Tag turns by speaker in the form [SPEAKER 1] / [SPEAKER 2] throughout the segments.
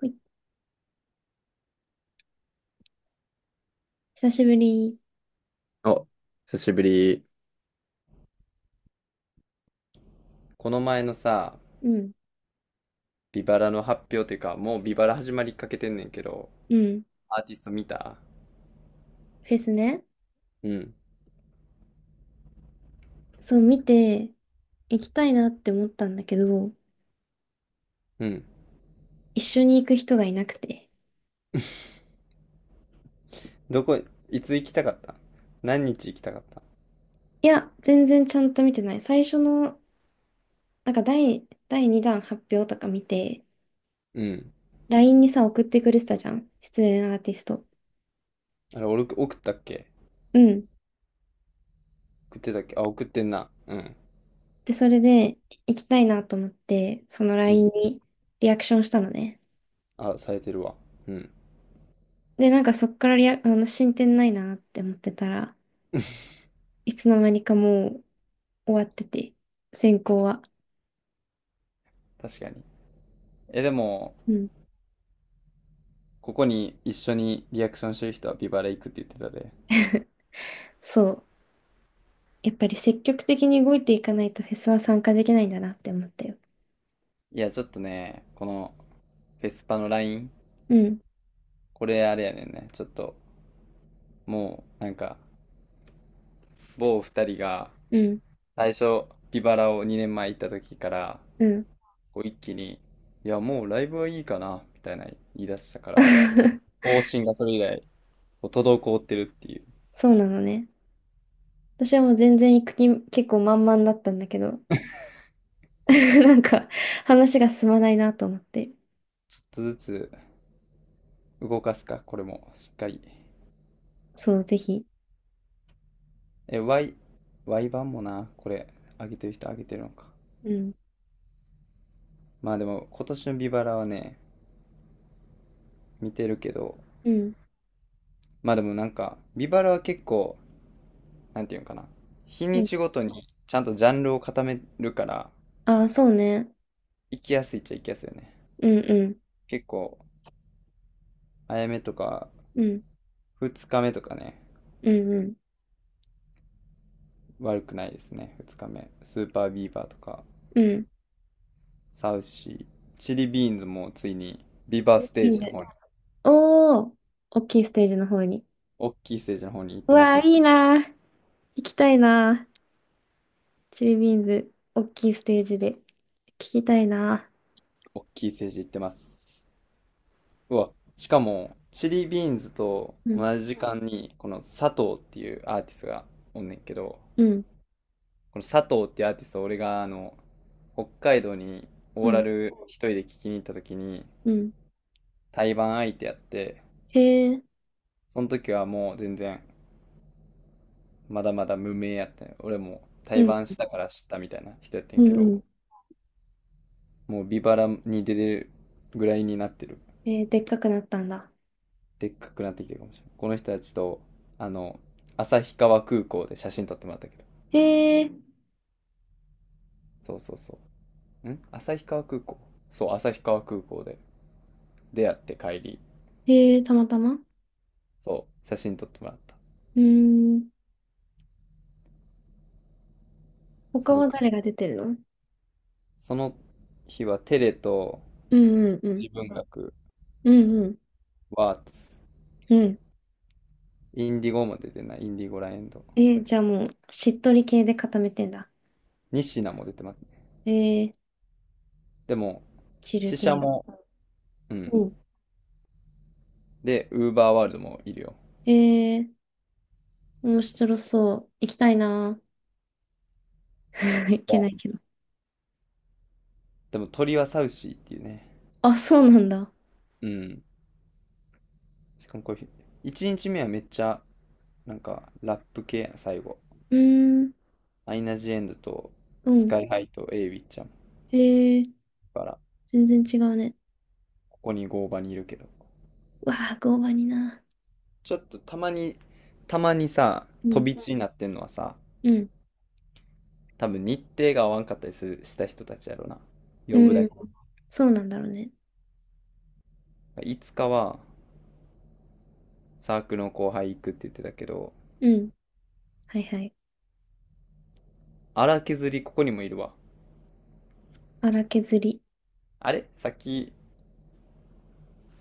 [SPEAKER 1] はい、久しぶり。
[SPEAKER 2] お、久しぶり。この前のさ、
[SPEAKER 1] うん、
[SPEAKER 2] ビバラの発表というか、もうビバラ始まりかけてんねんけど、
[SPEAKER 1] うん。
[SPEAKER 2] アーティスト見た？
[SPEAKER 1] フェスね。
[SPEAKER 2] うん。
[SPEAKER 1] そう、見て、行きたいなって思ったんだけど、
[SPEAKER 2] うん。
[SPEAKER 1] 一緒に行く人がいなくて。
[SPEAKER 2] どこ、いつ行きたかった？何日行きたかった？
[SPEAKER 1] いや、全然ちゃんと見てない。最初の、なんか第2弾発表とか見て、
[SPEAKER 2] うん。
[SPEAKER 1] LINE にさ、送ってくれてたじゃん。出演アーティスト。
[SPEAKER 2] あれ、俺送ったっけ？
[SPEAKER 1] うん。
[SPEAKER 2] 送ってたっけ？あ、送ってんな。うん。
[SPEAKER 1] で、それで、行きたいなと思って、その
[SPEAKER 2] う
[SPEAKER 1] LINE
[SPEAKER 2] ん。
[SPEAKER 1] にリアクションしたのね。
[SPEAKER 2] あ、されてるわ。うん。
[SPEAKER 1] で、なんかそっからリア、あの、進展ないなって思ってたら、いつの間にかもう終わってて、選考は。
[SPEAKER 2] 確かに。え、でも、
[SPEAKER 1] うん。
[SPEAKER 2] ここに一緒にリアクションしてる人はビバラ行くって言ってたで。
[SPEAKER 1] そう。やっぱり積極的に動いていかないとフェスは参加できないんだなって思ったよ。
[SPEAKER 2] いや、ちょっとね、この、フェスパのライン、
[SPEAKER 1] うん、
[SPEAKER 2] これあれやねんね。ちょっと、もう、なんか、某二人が
[SPEAKER 1] うん、
[SPEAKER 2] 最初ビバラを2年前行った時から
[SPEAKER 1] うん。
[SPEAKER 2] こう一気に「いやもうライブはいいかな」みたいな言い出したから、 方針がそれ以来こう滞ってるっていう。
[SPEAKER 1] そうなのね。私はもう全然行く気結構満々だったんだけど、なんか話が進まないなと思って。
[SPEAKER 2] ちょっとずつ動かすかこれも、しっかり、
[SPEAKER 1] そう、ぜひ。
[SPEAKER 2] え、 Y、 Y 版もなこれ、上げてる人上げてるのか？
[SPEAKER 1] うん、
[SPEAKER 2] まあでも今年のビバラはね、見てるけど、
[SPEAKER 1] うん、
[SPEAKER 2] まあでもなんかビバラは結構、なんていうのかな、日
[SPEAKER 1] う
[SPEAKER 2] に
[SPEAKER 1] ん。
[SPEAKER 2] ちごとにちゃんとジャンルを固めるから、
[SPEAKER 1] ああ、そうね。
[SPEAKER 2] 行きやすいっちゃ行きやすいよね。
[SPEAKER 1] うん、うん、
[SPEAKER 2] 結構、あやめとか、
[SPEAKER 1] うん、
[SPEAKER 2] 2日目とかね、
[SPEAKER 1] うん、うん、
[SPEAKER 2] 悪くないですね。2日目。スーパービーバーとか、
[SPEAKER 1] うん。
[SPEAKER 2] サウシー、チリビーンズもついに、ビーバーステ
[SPEAKER 1] い
[SPEAKER 2] ー
[SPEAKER 1] い
[SPEAKER 2] ジの
[SPEAKER 1] ね。
[SPEAKER 2] 方に、
[SPEAKER 1] おー、大きいステージの方に。
[SPEAKER 2] 大きいステージの方に行っ
[SPEAKER 1] う
[SPEAKER 2] てま
[SPEAKER 1] わ
[SPEAKER 2] す
[SPEAKER 1] あ、
[SPEAKER 2] ね。
[SPEAKER 1] いいなー。行きたいなー。チリビーンズ、大きいステージで。聞きたいな。
[SPEAKER 2] 大きいステージ行ってます。うわ、しかも、チリビーンズと
[SPEAKER 1] うん、
[SPEAKER 2] 同じ時間に、この佐藤っていうアーティストがおんねんけど、
[SPEAKER 1] うん、
[SPEAKER 2] この佐藤っていうアーティスト、俺があの、北海道に
[SPEAKER 1] う
[SPEAKER 2] オーラ
[SPEAKER 1] ん、
[SPEAKER 2] ル一人で聞きに行った時に、
[SPEAKER 1] うん。
[SPEAKER 2] 対バン相手やって、
[SPEAKER 1] へえ、
[SPEAKER 2] その時はもう全然まだまだ無名やったんよ。俺も
[SPEAKER 1] う
[SPEAKER 2] 対
[SPEAKER 1] ん、
[SPEAKER 2] バンしたから知ったみたいな人やって
[SPEAKER 1] う
[SPEAKER 2] ん
[SPEAKER 1] ん、
[SPEAKER 2] け
[SPEAKER 1] う
[SPEAKER 2] ど、
[SPEAKER 1] ん。
[SPEAKER 2] もうビバラに出てるぐらいになってる。
[SPEAKER 1] えー、でっかくなったんだ。
[SPEAKER 2] でっかくなってきてるかもしれない。この人たちと、あの、旭川空港で写真撮ってもらったけど。
[SPEAKER 1] へえ、
[SPEAKER 2] そうそうそう。ん、旭川空港、そう、旭川空港で出会って帰り、
[SPEAKER 1] へえ、たまたまう
[SPEAKER 2] そう、写真撮ってもらった。
[SPEAKER 1] ーん。他
[SPEAKER 2] それ
[SPEAKER 1] は
[SPEAKER 2] か。
[SPEAKER 1] 誰が出てるの？
[SPEAKER 2] その日はテレと
[SPEAKER 1] うん、うん、うん、
[SPEAKER 2] 自分学、
[SPEAKER 1] うん、うん、
[SPEAKER 2] ワーツ、
[SPEAKER 1] うん。
[SPEAKER 2] インディゴも出てない、インディゴラエンド。
[SPEAKER 1] えー、じゃあもう、しっとり系で固めてんだ。
[SPEAKER 2] ニシナも出てますね。
[SPEAKER 1] えー、
[SPEAKER 2] でも、
[SPEAKER 1] チル
[SPEAKER 2] 死者
[SPEAKER 1] 系。
[SPEAKER 2] も、う
[SPEAKER 1] う
[SPEAKER 2] ん。
[SPEAKER 1] ん。
[SPEAKER 2] で、ウーバーワールドもいるよ。
[SPEAKER 1] えー、面白そう。行きたいな。行けない
[SPEAKER 2] わ。
[SPEAKER 1] けど。
[SPEAKER 2] でも鳥はサウシーっていうね。
[SPEAKER 1] あ、そうなんだ。
[SPEAKER 2] うん。しかもこれ、1日目はめっちゃ、なんか、ラップ系やな、最後。
[SPEAKER 1] うーん、
[SPEAKER 2] アイナ・ジ・エンドと、
[SPEAKER 1] う
[SPEAKER 2] ス
[SPEAKER 1] ん。
[SPEAKER 2] カイハイとエイウィッちゃん。だ
[SPEAKER 1] えー、
[SPEAKER 2] から、
[SPEAKER 1] 全然違うね。
[SPEAKER 2] ここに合場にいるけど。
[SPEAKER 1] うわあ、合板にな。
[SPEAKER 2] ちょっとたまに、たまにさ、
[SPEAKER 1] う
[SPEAKER 2] 飛
[SPEAKER 1] ん、
[SPEAKER 2] び地になってんのはさ、
[SPEAKER 1] うん。
[SPEAKER 2] 多分日程が合わんかったりするした人たちやろな。呼ぶ
[SPEAKER 1] う
[SPEAKER 2] だ
[SPEAKER 1] ん。
[SPEAKER 2] け。
[SPEAKER 1] そうなんだろうね。
[SPEAKER 2] いつかは、サークルの後輩行くって言ってたけど、
[SPEAKER 1] うん。はいはい。
[SPEAKER 2] 荒削りここにもいるわ。
[SPEAKER 1] 荒削り。
[SPEAKER 2] あれさっき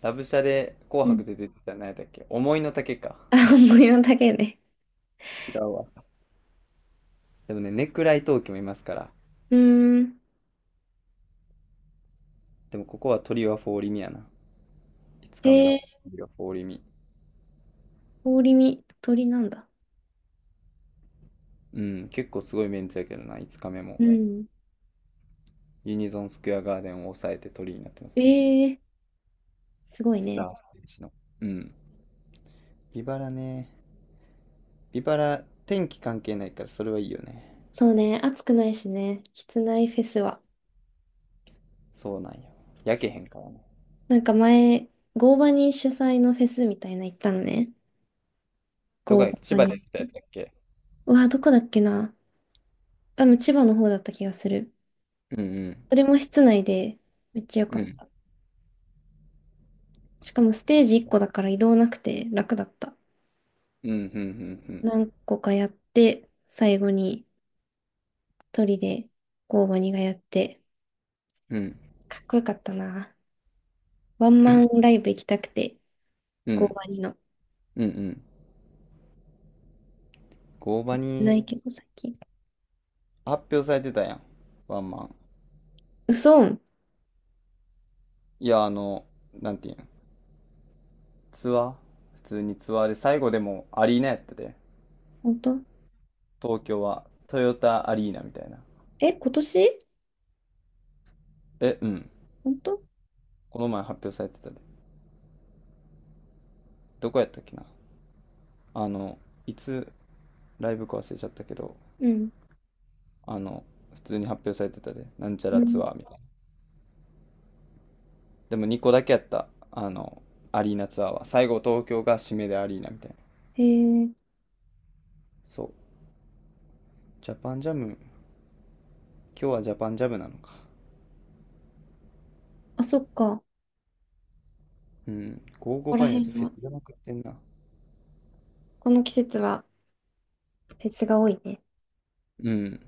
[SPEAKER 2] ラブシャで紅
[SPEAKER 1] うん。
[SPEAKER 2] 白で出てた何やったっけ？思いの丈か。
[SPEAKER 1] あ、模様だけね。
[SPEAKER 2] 違うわ。でもね、ネクライ東京もいますから。
[SPEAKER 1] うーん。
[SPEAKER 2] でもここはトリオはフォーリミやな。5日目の
[SPEAKER 1] へ
[SPEAKER 2] ト
[SPEAKER 1] え、
[SPEAKER 2] リオはフォーリミ。
[SPEAKER 1] 氷見、鳥なんだ。
[SPEAKER 2] うん、結構すごいメンツやけどな、5日目も。
[SPEAKER 1] うん。
[SPEAKER 2] ユニゾンスクエアガーデンを抑えてトリになってます
[SPEAKER 1] え
[SPEAKER 2] ね。
[SPEAKER 1] え、すごい
[SPEAKER 2] スタ
[SPEAKER 1] ね。
[SPEAKER 2] ーステージの。うん。ビバラね。ビバラ、天気関係ないからそれはいいよね。
[SPEAKER 1] そうね、暑くないしね、室内フェスは。
[SPEAKER 2] そうなんよ。焼けへんからね。
[SPEAKER 1] なんか前、合場に主催のフェスみたいな行ったのね。
[SPEAKER 2] どこ
[SPEAKER 1] 合
[SPEAKER 2] やっけ？千
[SPEAKER 1] 場
[SPEAKER 2] 葉で
[SPEAKER 1] に。
[SPEAKER 2] やってたやつやっけ？
[SPEAKER 1] うわ、どこだっけな。あ、でも千葉の方だった気がする。
[SPEAKER 2] うん
[SPEAKER 1] それも室内で、めっちゃ良
[SPEAKER 2] うん。
[SPEAKER 1] か
[SPEAKER 2] う
[SPEAKER 1] っ
[SPEAKER 2] ん。
[SPEAKER 1] た。しかもステージ1個だから移動なくて楽だった。
[SPEAKER 2] うんうんうん
[SPEAKER 1] 何個かやって、最後に一人でゴーバニがやって、
[SPEAKER 2] うん。うん。
[SPEAKER 1] かっこよかったな。ワンマンライブ行きたくて、
[SPEAKER 2] う
[SPEAKER 1] ゴー
[SPEAKER 2] ん。
[SPEAKER 1] バニの。
[SPEAKER 2] うんうん。合場
[SPEAKER 1] な
[SPEAKER 2] に
[SPEAKER 1] いけど、最近。
[SPEAKER 2] 発表されてたやん。ワンマン。
[SPEAKER 1] 嘘？
[SPEAKER 2] いや、あの、なんていうん、ツアー普通にツアーで最後でもアリーナやってて。
[SPEAKER 1] 本当？
[SPEAKER 2] 東京はトヨタアリーナみたいな。
[SPEAKER 1] え、今年？
[SPEAKER 2] え、うん。
[SPEAKER 1] 本当？
[SPEAKER 2] この前発表されてたで。どこやったっけな。あの、いつライブか忘れちゃったけど、
[SPEAKER 1] うん。
[SPEAKER 2] あの、普通に発表されてたで。なんちゃ
[SPEAKER 1] う
[SPEAKER 2] らツ
[SPEAKER 1] ん。
[SPEAKER 2] アーみたいな。でも2個だけやった。あの、アリーナツアーは。最後東京が締めでアリーナみたいな。
[SPEAKER 1] へえ、
[SPEAKER 2] そう。ジャパンジャム。今日はジャパンジャムなのか。
[SPEAKER 1] あ、そっか。こ
[SPEAKER 2] うん。55
[SPEAKER 1] こ
[SPEAKER 2] バ
[SPEAKER 1] ら
[SPEAKER 2] イのやつ
[SPEAKER 1] 辺
[SPEAKER 2] フェ
[SPEAKER 1] は、
[SPEAKER 2] スやなくってんな。
[SPEAKER 1] この季節はフェスが多いね。
[SPEAKER 2] うん。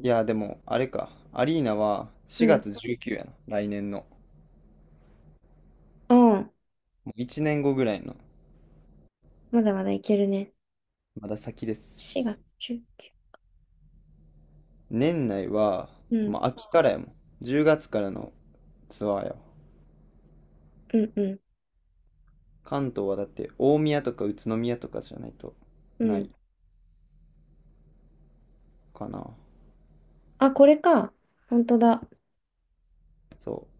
[SPEAKER 2] いや、でも、あれか。アリーナは
[SPEAKER 1] う
[SPEAKER 2] 4
[SPEAKER 1] ん。
[SPEAKER 2] 月19やな。来年の。
[SPEAKER 1] うん。
[SPEAKER 2] もう1年後ぐらいの。
[SPEAKER 1] まだまだいけるね。
[SPEAKER 2] まだ先で
[SPEAKER 1] 4
[SPEAKER 2] す。
[SPEAKER 1] 月19。
[SPEAKER 2] 年内は、
[SPEAKER 1] うん。
[SPEAKER 2] まあ、秋からやもん。10月からのツアーやわ。
[SPEAKER 1] うんうん。
[SPEAKER 2] 関東はだって大宮とか宇都宮とかじゃないと
[SPEAKER 1] う
[SPEAKER 2] な
[SPEAKER 1] ん。
[SPEAKER 2] いかな。
[SPEAKER 1] あ、これか。本当だ。
[SPEAKER 2] そう。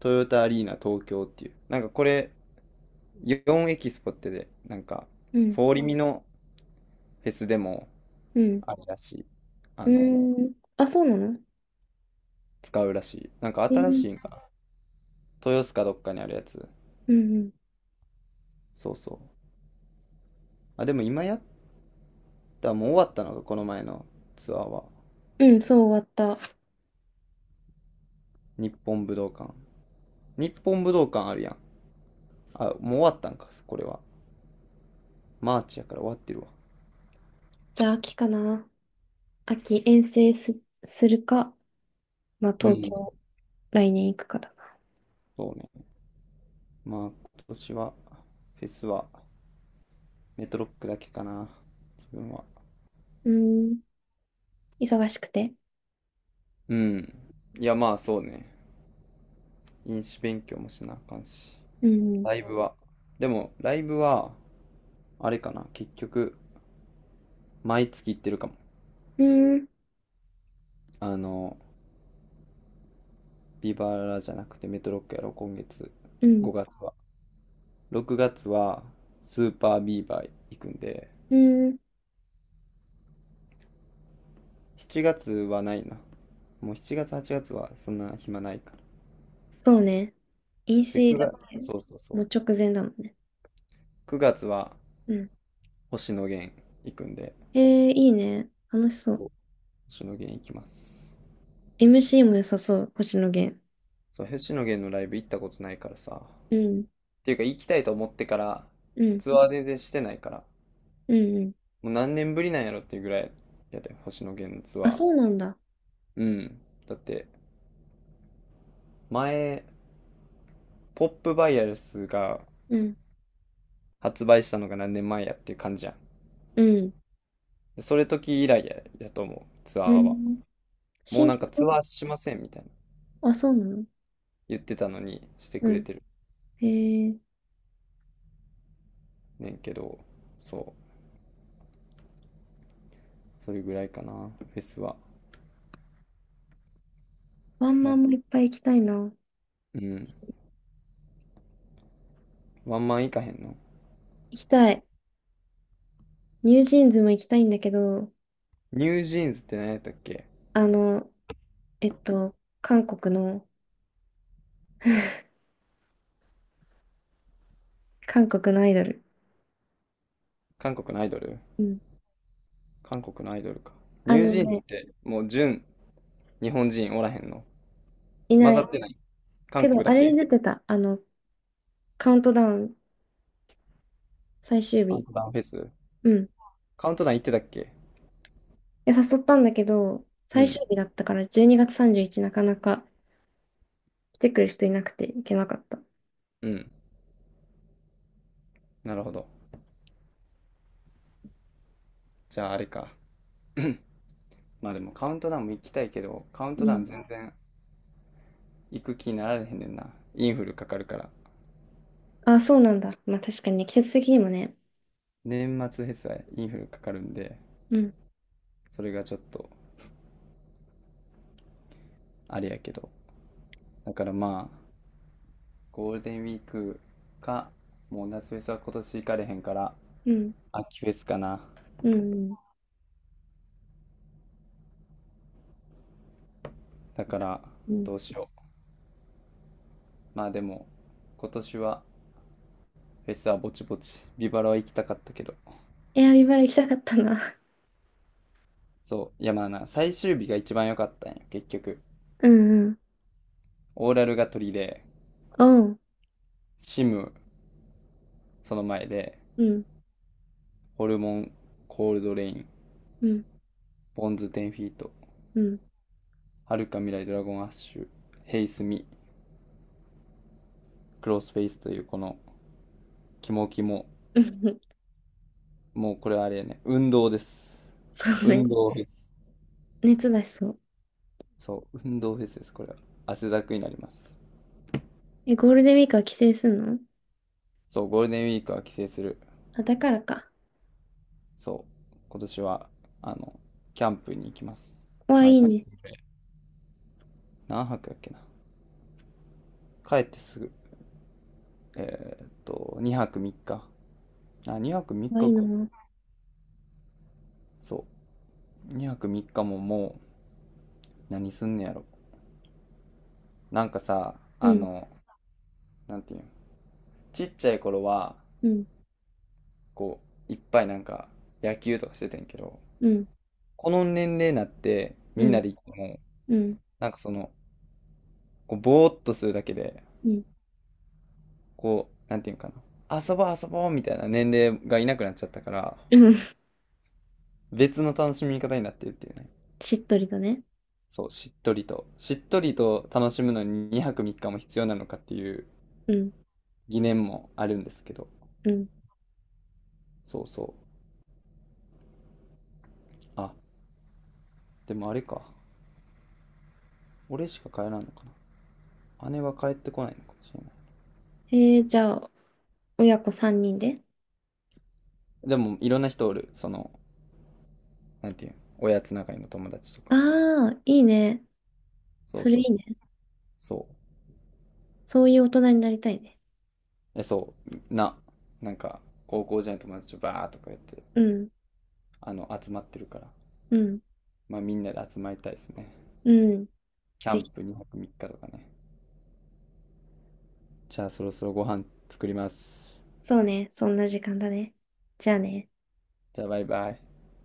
[SPEAKER 2] トヨタアリーナ東京っていう。なんかこれ、4エキスポってで、なんか、
[SPEAKER 1] うん。
[SPEAKER 2] フォーリミのフェスでも
[SPEAKER 1] うん。
[SPEAKER 2] あるらしい。あ
[SPEAKER 1] う
[SPEAKER 2] の、
[SPEAKER 1] ーん。あ、そうなの？
[SPEAKER 2] 使うらしい。なんか
[SPEAKER 1] え
[SPEAKER 2] 新
[SPEAKER 1] ー、
[SPEAKER 2] しいんか豊洲かどっかにあるやつ。
[SPEAKER 1] うんうん。
[SPEAKER 2] そうそう。あ、でも今やった、もう終わったのがこの前のツアーは。
[SPEAKER 1] うん、そう終わった。
[SPEAKER 2] 日本武道館。日本武道館あるやん。あ、もう終わったんか、これは。マーチやから終わってるわ。
[SPEAKER 1] じゃあ秋かな。秋、遠征す、するか、まあ
[SPEAKER 2] う
[SPEAKER 1] 東
[SPEAKER 2] ん。
[SPEAKER 1] 京、来年行くかだな。
[SPEAKER 2] そうね。まあ今年は、フェスはメトロックだけかな。自分は。
[SPEAKER 1] うーん。忙しくて。
[SPEAKER 2] うん。いやまあそうね。飲酒勉強もしなあかんし。
[SPEAKER 1] うん。
[SPEAKER 2] ライブは。でも、ライブは、あれかな。結局、毎月行ってるかも。
[SPEAKER 1] うん。
[SPEAKER 2] あの、ビバラじゃなくてメトロックやろ、今月、
[SPEAKER 1] うん。
[SPEAKER 2] 5月は。6月はスーパービーバー行くんで、
[SPEAKER 1] うん。
[SPEAKER 2] 7月はないな。もう7月、8月はちがつはそんな暇ないから。
[SPEAKER 1] そうね。飲
[SPEAKER 2] で、
[SPEAKER 1] 酒だっ
[SPEAKER 2] 9
[SPEAKER 1] て、
[SPEAKER 2] 月、そうそうそ
[SPEAKER 1] も
[SPEAKER 2] う。
[SPEAKER 1] う直前だもんね。
[SPEAKER 2] 9月は
[SPEAKER 1] うん。
[SPEAKER 2] 星野源行くんで、
[SPEAKER 1] えー、いいね。楽しそう。
[SPEAKER 2] 星野源行きます。
[SPEAKER 1] MC も良さそう、星野源。
[SPEAKER 2] そう、星野源のライブ行ったことないからさ。
[SPEAKER 1] うん。
[SPEAKER 2] っていうか、行きたいと思ってから、
[SPEAKER 1] うん。
[SPEAKER 2] ツアー全然してないから、
[SPEAKER 1] うんうん。
[SPEAKER 2] もう何年ぶりなんやろっていうぐらいやで、星野源のツ
[SPEAKER 1] あ、
[SPEAKER 2] アー。
[SPEAKER 1] そうなんだ。
[SPEAKER 2] うん。だって、前、ポップバイアルスが
[SPEAKER 1] うん。
[SPEAKER 2] 発売したのが何年前やっていう感じやん。
[SPEAKER 1] うん。
[SPEAKER 2] でそれ時以来や、やと思う、ツアー
[SPEAKER 1] う
[SPEAKER 2] は。
[SPEAKER 1] ん。
[SPEAKER 2] もう
[SPEAKER 1] 新
[SPEAKER 2] なんかツ
[SPEAKER 1] 曲、
[SPEAKER 2] アーしませんみたいな
[SPEAKER 1] あ、そうなの？
[SPEAKER 2] 言ってたのにして
[SPEAKER 1] う
[SPEAKER 2] くれ
[SPEAKER 1] ん、
[SPEAKER 2] てる
[SPEAKER 1] へえ、
[SPEAKER 2] ねんけど、そう、それぐらいかな、フェスは。
[SPEAKER 1] ワンマ
[SPEAKER 2] も
[SPEAKER 1] ンもいっぱい行きたいな。
[SPEAKER 2] う、うん、ワンマンいかへんの？
[SPEAKER 1] 行きたい。ニュージーンズも行きたいんだけど、
[SPEAKER 2] ニュージーンズって何やったっけ？
[SPEAKER 1] あの、えっと、韓国の、韓国のアイドル。
[SPEAKER 2] 韓国のアイドル？
[SPEAKER 1] うん。
[SPEAKER 2] 韓国のアイドルか。ニ
[SPEAKER 1] あ
[SPEAKER 2] ュー
[SPEAKER 1] の
[SPEAKER 2] ジーンズっ
[SPEAKER 1] ね、
[SPEAKER 2] てもう純日本人おらへんの？
[SPEAKER 1] い
[SPEAKER 2] 混
[SPEAKER 1] な
[SPEAKER 2] ざっ
[SPEAKER 1] い。
[SPEAKER 2] てない？韓
[SPEAKER 1] け
[SPEAKER 2] 国
[SPEAKER 1] ど、あ
[SPEAKER 2] だ
[SPEAKER 1] れに
[SPEAKER 2] け？
[SPEAKER 1] 出てた。あの、カウントダウン、最終
[SPEAKER 2] カウン
[SPEAKER 1] 日。
[SPEAKER 2] トダウンフェス？
[SPEAKER 1] うん。い
[SPEAKER 2] カウントダウン行ってたっけ？
[SPEAKER 1] や誘ったんだけど、
[SPEAKER 2] う
[SPEAKER 1] 最
[SPEAKER 2] ん。
[SPEAKER 1] 終日だったから、12月31なかなか来てくれる人いなくて行けなかった。
[SPEAKER 2] うん。なるほど。じゃああれか。まあでもカウントダウンも行きたいけど、カウン
[SPEAKER 1] う
[SPEAKER 2] トダウン
[SPEAKER 1] ん。
[SPEAKER 2] 全然行く気になられへんねんな。インフルかかるから。
[SPEAKER 1] あ、そうなんだ。まあ確かにね、季節的にもね。
[SPEAKER 2] 年末フェスはインフルかかるんで、
[SPEAKER 1] うん。
[SPEAKER 2] それがちょっとあれやけど。だからまあ、ゴールデンウィークか、もう夏フェスは今年行かれへんから、
[SPEAKER 1] うん。
[SPEAKER 2] 秋フェスかな。
[SPEAKER 1] うん。うん。
[SPEAKER 2] だから、
[SPEAKER 1] うん。
[SPEAKER 2] どうしよう。まあでも、今年はフェスはぼちぼち。ビバラは行きたかったけど。
[SPEAKER 1] エアビバラ行きたかったな。
[SPEAKER 2] そう。いやまあな、最終日が一番良かったんよ、結局。
[SPEAKER 1] うんうん。
[SPEAKER 2] オーラルが取りで、
[SPEAKER 1] おう。
[SPEAKER 2] シム、その前で、
[SPEAKER 1] うん。
[SPEAKER 2] ホルモン、コールドレイン、
[SPEAKER 1] うん。
[SPEAKER 2] ボンズ、10フィート、
[SPEAKER 1] うん。うん。
[SPEAKER 2] はるか未来ドラゴンアッシュ、ヘイスミ、クロスフェイスというこの、キモキモ、もうこれはあれやね、運動です。
[SPEAKER 1] そうね。
[SPEAKER 2] 運動フェス。
[SPEAKER 1] 熱出しそう。
[SPEAKER 2] そう、運動フェスです、これは。汗だくになります。
[SPEAKER 1] え、ゴールデンウィークは帰省すんの？
[SPEAKER 2] そう、ゴールデンウィークは帰省する。
[SPEAKER 1] あ、だからか。
[SPEAKER 2] そう、今年は、あの、キャンプに行きます。
[SPEAKER 1] わあ、い
[SPEAKER 2] 毎
[SPEAKER 1] い
[SPEAKER 2] 年。
[SPEAKER 1] ね。
[SPEAKER 2] 何泊やっけな。帰ってすぐ。2泊3日。あ、2泊3
[SPEAKER 1] わあ、い
[SPEAKER 2] 日
[SPEAKER 1] い
[SPEAKER 2] か。
[SPEAKER 1] な。
[SPEAKER 2] そう。2泊3日ももう何すんねやろ？なんかさ、
[SPEAKER 1] う
[SPEAKER 2] あ
[SPEAKER 1] ん。
[SPEAKER 2] の、なんていうの、ちっちゃい頃は
[SPEAKER 1] うん。
[SPEAKER 2] こういっぱいなんか野球とかしてたんけど、
[SPEAKER 1] うん。
[SPEAKER 2] この年齢になって
[SPEAKER 1] う
[SPEAKER 2] みんな
[SPEAKER 1] ん。
[SPEAKER 2] で行っても、
[SPEAKER 1] うん。
[SPEAKER 2] なんかその、こうぼーっとするだけで、
[SPEAKER 1] うん。
[SPEAKER 2] こうなんていうのかな、遊ぼう遊ぼうみたいな年齢がいなくなっちゃったから、
[SPEAKER 1] うん。
[SPEAKER 2] 別の楽しみ方になってるっていうね。
[SPEAKER 1] しっとりとね。
[SPEAKER 2] そうしっとりとしっとりと楽しむのに2泊3日も必要なのかっていう
[SPEAKER 1] うん。
[SPEAKER 2] 疑念もあるんですけど、
[SPEAKER 1] うん。
[SPEAKER 2] そうそう、あ、でもあれか。俺しか帰らんのかな。姉は帰ってこないのかもしれない。
[SPEAKER 1] えー、じゃあ、親子3人で。
[SPEAKER 2] でもいろんな人おる。その、なんていう、おやつ仲いいの友達とか。
[SPEAKER 1] ああ、いいね。
[SPEAKER 2] そう
[SPEAKER 1] それ
[SPEAKER 2] そ
[SPEAKER 1] い
[SPEAKER 2] うそ
[SPEAKER 1] い
[SPEAKER 2] う。
[SPEAKER 1] ね。
[SPEAKER 2] そ
[SPEAKER 1] そういう大人になりたいね。
[SPEAKER 2] う。え、そう。な、なんか、高校時代の友達とバーッとかやって、
[SPEAKER 1] うん。
[SPEAKER 2] あの、集まってるから。
[SPEAKER 1] うん。
[SPEAKER 2] まあみんなで集まりたいですね。
[SPEAKER 1] うん。
[SPEAKER 2] キャ
[SPEAKER 1] ぜ
[SPEAKER 2] ン
[SPEAKER 1] ひ。
[SPEAKER 2] プ2泊3日とかね。じゃあそろそろご飯作ります。
[SPEAKER 1] そうね。そんな時間だね。じゃあね。
[SPEAKER 2] じゃあバイバイ。